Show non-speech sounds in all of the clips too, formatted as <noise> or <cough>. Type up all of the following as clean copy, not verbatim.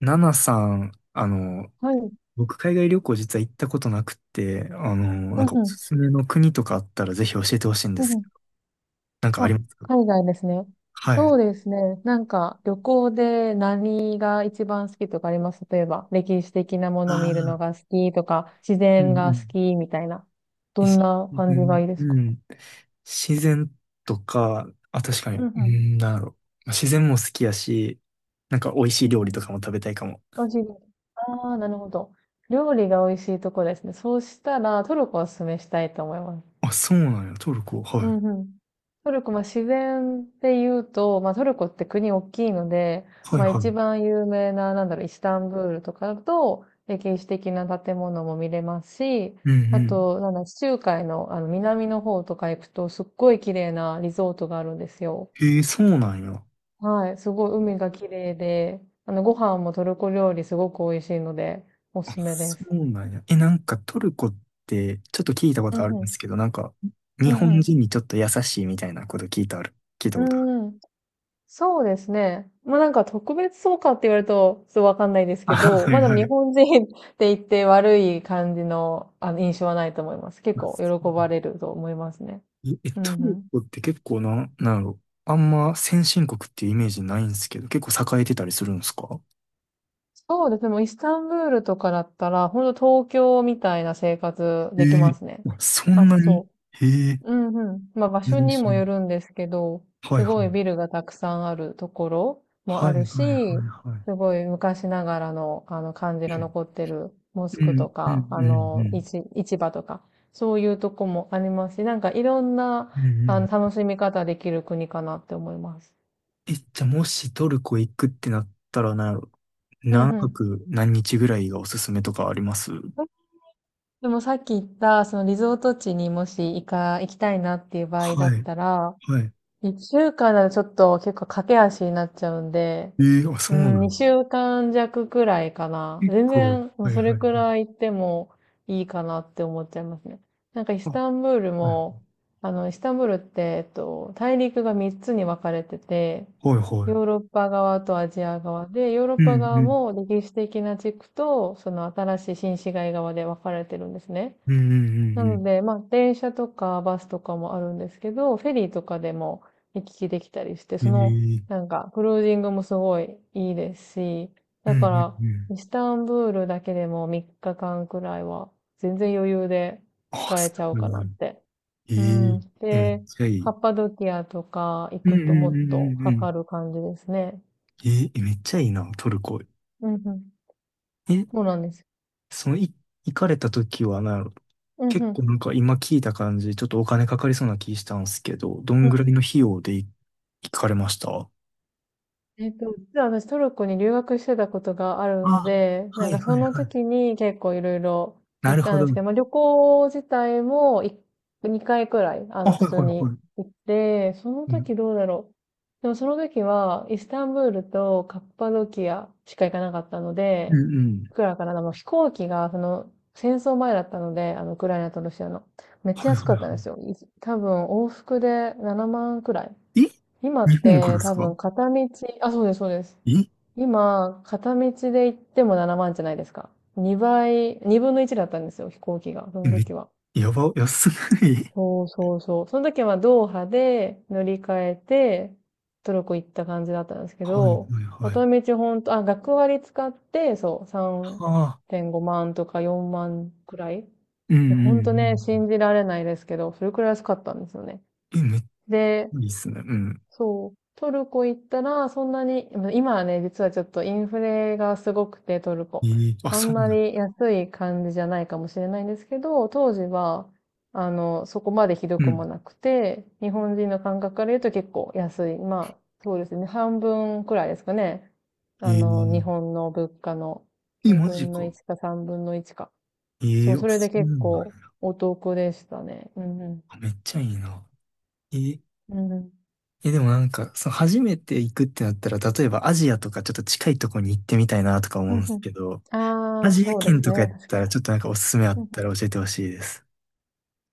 ナナさん、はい。う僕海外旅行実は行ったことなくて、なんんかうおん。すすめの国とかあったらぜひ教えてほしいんでうんすうけん。ど、なんかありあ、ますか？海外ですね。はそい。うですね。なんか、旅行で何が一番好きとかあります？例えば、歴史的なもあの見るのあ、が好きとか、自う然んうが好ん。きみたいな。どんなう感じがん、いいですか？うん。自然とか、あ、確かうに、んううん。ん、なんだろう。まあ自然も好きやし、なんか美味しういんう料理とん。かも食べたいかも。美味しいです。ああ、なるほど。料理が美味しいとこですね。そうしたら、トルコをおすすめしたいと思います。あ、そうなんや、トルコ。はうい。んうん。トルコ、まあ、自然で言うと、まあ、トルコって国大きいので、はいまあ、はい。う一ん番有名な、なんだろう、イスタンブールとかだと、歴史的な建物も見れますし、うあん。と、なんだ、地中海の、南の方とか行くと、すっごい綺麗なリゾートがあるんですよ。へえ、そうなんや。はい、すごい海が綺麗で、ご飯もトルコ料理すごく美味しいので、おあ、すすめでそす。うなんや。え、なんかトルコってちょっと聞いたこうんとあるんうでん。すけど、なんかう日本ん人にちょっと優しいみたいなこと聞いたうことある。ん。うん、そうですね。ま、あなんか特別そうかって言われると、ちょっとわかんないですあ、けど、はま、いあでもは日い。本人 <laughs> って言って悪い感じの、印象はないと思います。結構喜ばれると思いますね。うトんうルん。コって結構な、なんやろ。あんま先進国っていうイメージないんですけど、結構栄えてたりするんですか？そうですね、もうイスタンブールとかだったら、ほんと東京みたいな生活えできまえ、すね。あ、そあ、んなに。そへえ、う。うんうん。まあ場所面に白もよい。るんですけど、はすいはい。ごいビルがたくさんあるところもはあいるはいし、はいはい。すごい昔ながらのあの感じが残ってるモうスクとん、うん、か、うん、うん、市場とか、そういうとこもありますし、なんかいろんなうん、うん、うん、うん。楽しみ方できる国かなって思います。え、じゃあもしトルコ行くってなったら、なんやろ、うんう何ん。泊何日ぐらいがおすすめとかあります？えでもさっき言った、そのリゾート地にもし行きたいなっていう場合はだっい、たら、はい。一週間だとちょっと結構駆け足になっちゃうんで、えー、あ、うそうなん、二んだ。週間弱くらいかな。結全構、然、もうはいはいそれはい。くらい行ってもいいかなって思っちゃいますね。なんかイあ、スはタンブールいも、イスタンブールって、大陸が三つに分かれてて、はいはい。ヨーロッパ側とアジア側で、ヨーロッうパん側うん。も歴史的な地区と、その新しい新市街側で分かれてるんですね。うんなうんので、まあ、電車とかバスとかもあるんですけど、フェリーとかでも行き来できたりして、うんそうん。の、えなえ、んか、クルージングもすごいいいですし、うだんうかんら、うん。イスタンブールだけでも3日間くらいは、全然余裕であ、使えすちゃうごいかなな。って。えうん。ええめっで、ちゃいカッい。パドキアとか行うんうくんうんともっとうんかうん。かる感じですね。えーえめっちゃいいな、トルコ。うんうん。え、そうなんです。その、い、行かれた時は、なんやろ、うん結う構ん。なんか今聞いた感じ、ちょっとお金かかりそうな気したんですけど、どんぐらいの費用で行かれました？実は私トルコに留学してたことがああ、るので、はなんいかそはいのはい。時に結構いろいろな行るったほんでど。すけど、まあ、旅行自体も2回くらい、あ、は普い通はいにはい。行って、そのうん、時どうだろう。でもその時はイスタンブールとカッパドキアしか行かなかったのうんで、うん。いくらかな、でも飛行機がその戦争前だったので、ウクライナとロシアの。めっちゃはいは安かいったはんですよ。多分往復で7万くらい。い。今日っ本からてです多か？分片道、あ、そうです、そうです。え今、片道で行っても7万じゃないですか。2倍、2分の1だったんですよ、飛行機が。そえ、の時は。やば、安ない。そうそうそう。その時はドーハで乗り換えて、トルコ行った感じだったんです <laughs> けはいはど、いはい。片道ほんと、あ、学割使って、そう、はあ。3.5万とか4万くらい。いうや、んうほんとね、ん信じられないですけど、それくらい安かったんですよね。うん。え、めっちで、ゃいいっすね。うん。そう。トルコ行ったら、そんなに、まあ今はね、実はちょっとインフレがすごくて、トルコ。あ、あそんうまなん。り安い感じじゃないかもしれないんですけど、当時は、そこまでひどうくもん。なくて、日本人の感覚から言うと結構安い。まあ、そうですね。半分くらいですかね。え日ー本の物価のえ、マ2ジ分のか。1か3分の1か。えそえう、ー、あ、それでそう結なんや。構お得でしたね。うんうん。あ、めっちゃいいな。えー、うんうん。え、でもなんか、その初めて行くってなったら、例えばアジアとかちょっと近いとこに行ってみたいなとか思ううんんでうすけど、ん。アああ、ジアそうで圏すとかやね。っ確かたに。らちょっとなんかおすすめあうっん、たら教えてほしいです。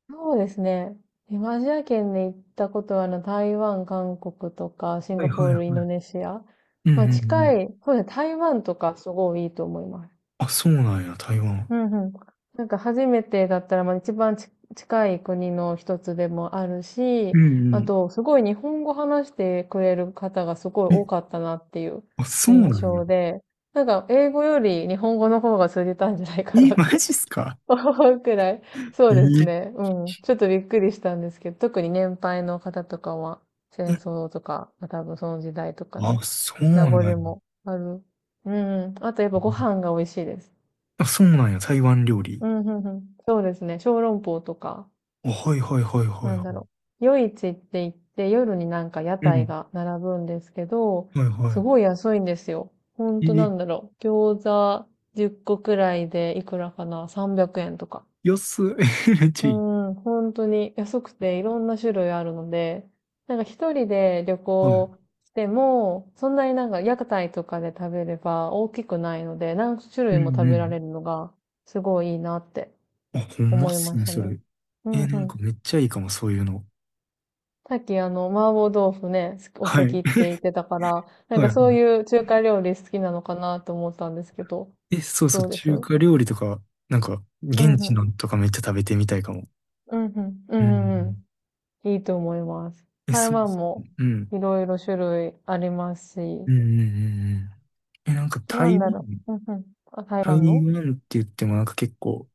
そうですね。東アジア圏で行ったことは、台湾、韓国とか、シンはガいはポいはーい。ル、インドネシア。うんうまあ、んうん。近い、そうですね、台湾とかすごいいいと思います。あ、そうなんや、台湾。うんうん。なんか初めてだったら、まあ、一番近い国の一つでもあるうし、んうあん。と、すごい日本語話してくれる方がすごいえ、多かったなっていうあ、そう印なんや。象で、なんか、英語より日本語の方が通じたんじゃないかえ、なっマジって すか？ <laughs> くらい。そえうですーね。うん。ちょっとびっくりしたんですけど、特に年配の方とかは、戦え争とか、まあ多分その時代とかあ、のそう名なん残や。もある。うん。あとやっぱご飯が美味しいです。あ、そうなんや、台湾料理。うん、うん、うん。そうですね。小籠包とか、あ、はいはいはいはいなんはだろう。夜市って言って、夜になんか屋い。う台ん。が並ぶんですけど、はいすはごい安いんですよ。ほんい。となんだろう。餃子10個くらいでいくらかな ?300 円とか。安い。<laughs> めっちゃういい。ん、本当に安くていろんな種類あるので、なんか一人で旅はい。行しても、そんなになんか屋台とかで食べれば大きくないので、何種う類もんう食べらん。れるのがすごいいいなってあ、ほんま思っいすましね、たそね。れ。うんうなんかん。めっちゃいいかも、そういうの。さっき麻婆豆腐ね、好きはお好きい。って言ってたから、<laughs> なんはいかはそうい。いう中華料理好きなのかなと思ったんですけど、そうそう、どうです？う中ん華料理とか、なんか、う現地ん。のとかめっちゃ食べてみたいかも。うんうん。ううんうんうん。ん。いいと思います。え、台そうで湾すもね。うん。いろいろ種類ありますし、うんうんうんうん。え、なんかなん台だ湾、ろう。うんうん。あ、台台湾の。湾って言ってもなんか結構、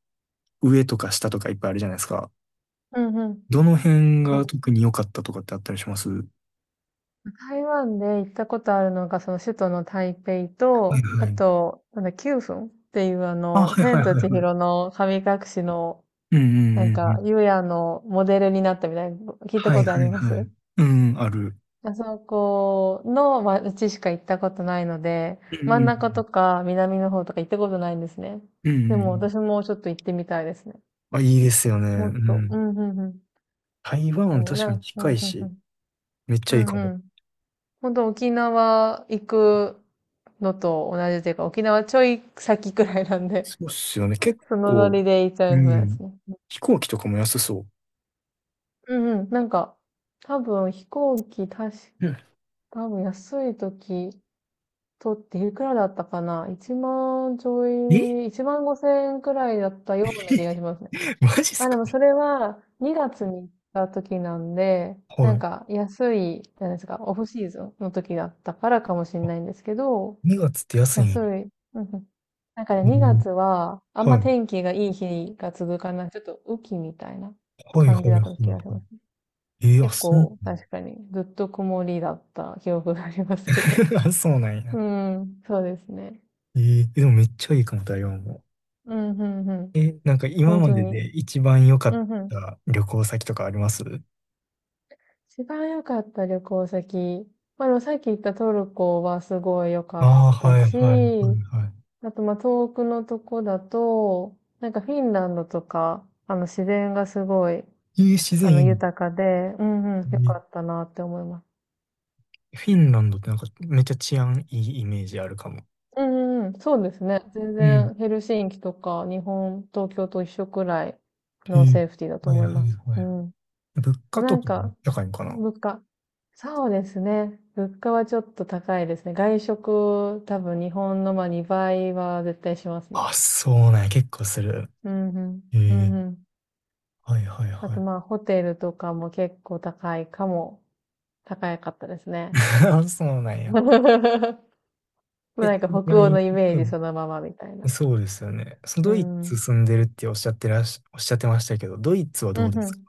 上とか下とかいっぱいあるじゃないですか。うんうん。どの辺そうがです特ね。に良かったとかってあったりします？は台湾で行ったことあるのが、その首都の台北いと、あはい。と、なんだ、九份っていうあ、はいはい千とはい千はい。尋の神隠しの、うんうんなんうんうか、ん。ゆうやのモデルになったみたいな、聞いたはいことあはりいまはす？い。うん、ある。あそこの街しか行ったことないので、うん真うんんうん。中とか南の方とか行ったことないんですね。うんうんでうもん。私もちょっと行ってみたいですね。あ、いいですよね。もっうと。うん。ん、うん、うん。台湾もう確かにう近ん、いうん、うし、ん。めっちうゃいいかも。ん、うん。本当沖縄行くのと同じというか、沖縄ちょい先くらいなんで、そうっすよね。結 <laughs> そのノ構、リで行っちゃういますん。ね。飛行機とかも安そうん、うん。なんか、多分飛行機、う。うん。多分安い時、とっていくらだったかな？ 1 万ちょえ い、万5千円くらいだったような気が <laughs> しますね。マジっすあ、でか？もそれは2月に行った時なんで、なはんい。か安い、なんですか、オフシーズンの時だったからかもしれあ、ないんですけど、2月って安いん安や。い。うんうん、なんかね、え2ー月はあんまはい。天気がいい日が続かない、ちょっと雨季みたいなはいは感いじはだったい気はがします。い。あ、結そう。構確かにずっと曇りだった記憶がありますけど。<laughs> あ、そうなんや。うん、そうですね。えでもめっちゃいいかも、台湾も。うん、ふんふん。なんかほ今んまとでに。で一番良かうっんうんうん、本当に、うんうん。た旅行先とかあります？一番良かった旅行先。まあ、でもさっき言ったトルコはすごい良かっああ、たはいはいはいし、はあと、まあ、遠くのとこだと、なんかフィンランドとか、自然がすごい、い。いい、自然いいの。豊かで、うんうん、良いかったなって思います。フィンランドってなんかめっちゃ治安いいイメージあるかも。うんうんうん、そうですね。全うん。然ヘルシンキとか日本、東京と一緒くらいうのん、セーフティーだとはい思いはいます。はうい。ん。物ま価あなとんかもか、高いんかな？物価。そうですね。物価はちょっと高いですね。外食、多分日本のまあ2倍は絶対しますね。あ、そうなんや。結構する。うんうん。うえんえ、うん。はいはいあはとい。まあホテルとかも結構高いかも。高かったですね。<laughs> あ、そうなん <laughs> や。まあえ、ちなんかな北欧みに、のイメーうジん。そのままみたいな。そうですよね。そのうドイツん。住んでるっておっしゃってましたけど、ドイツはどううんでうすか？ん。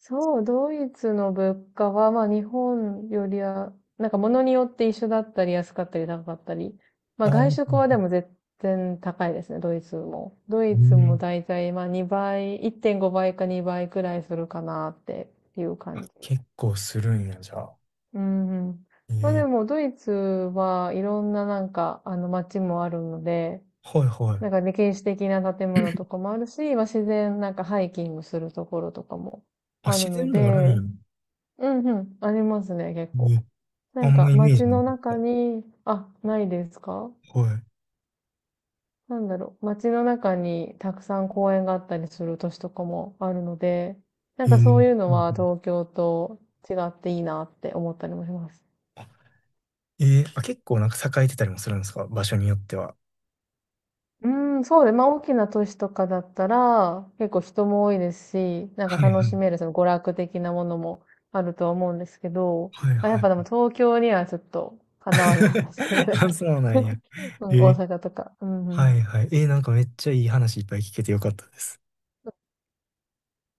そう、ドイツの物価は、まあ日本よりは、なんか物によって一緒だったり安かったり高かったり。まあああ外ー、う食ん。はでも絶対高いですね、ドイツも。ドうイツもん。だいたいまあ2倍、1.5倍か2倍くらいするかなっていうあ、感じ。結構するんや、じゃあ。うんうん。まあでええ、もドイツはいろんななんかあの街もあるので、はいはなんい。か歴史的な建物とかもあるし、まあ自然なんかハイキングするところとかもあ、あ自るの然もあるんや。で、うんうん。ありますね、結構。ね、なあんんまかイメー街ジなのか中っに、あ、ないですか？た。はい。なんだろう。街の中にたくさん公園があったりする都市とかもあるので、なんうかそうんいうのうはん、東京と違っていいなって思ったりもします。あ、あ、結構なんか栄えてたりもするんですか？場所によっては。うん、そうで、まあ大きな都市とかだったら、結構人も多いですし、なんかはい楽はしい。めるその娯楽的なものもあるとは思うんですけど、はいまあ、やはっぱでもい。東京にはちょっとかなわないで <laughs> すけどね。あ、そうな <laughs> うんや。ん、え大ー、阪とか。うんうはんいはい。なんかめっちゃいい話いっぱい聞けてよかったです。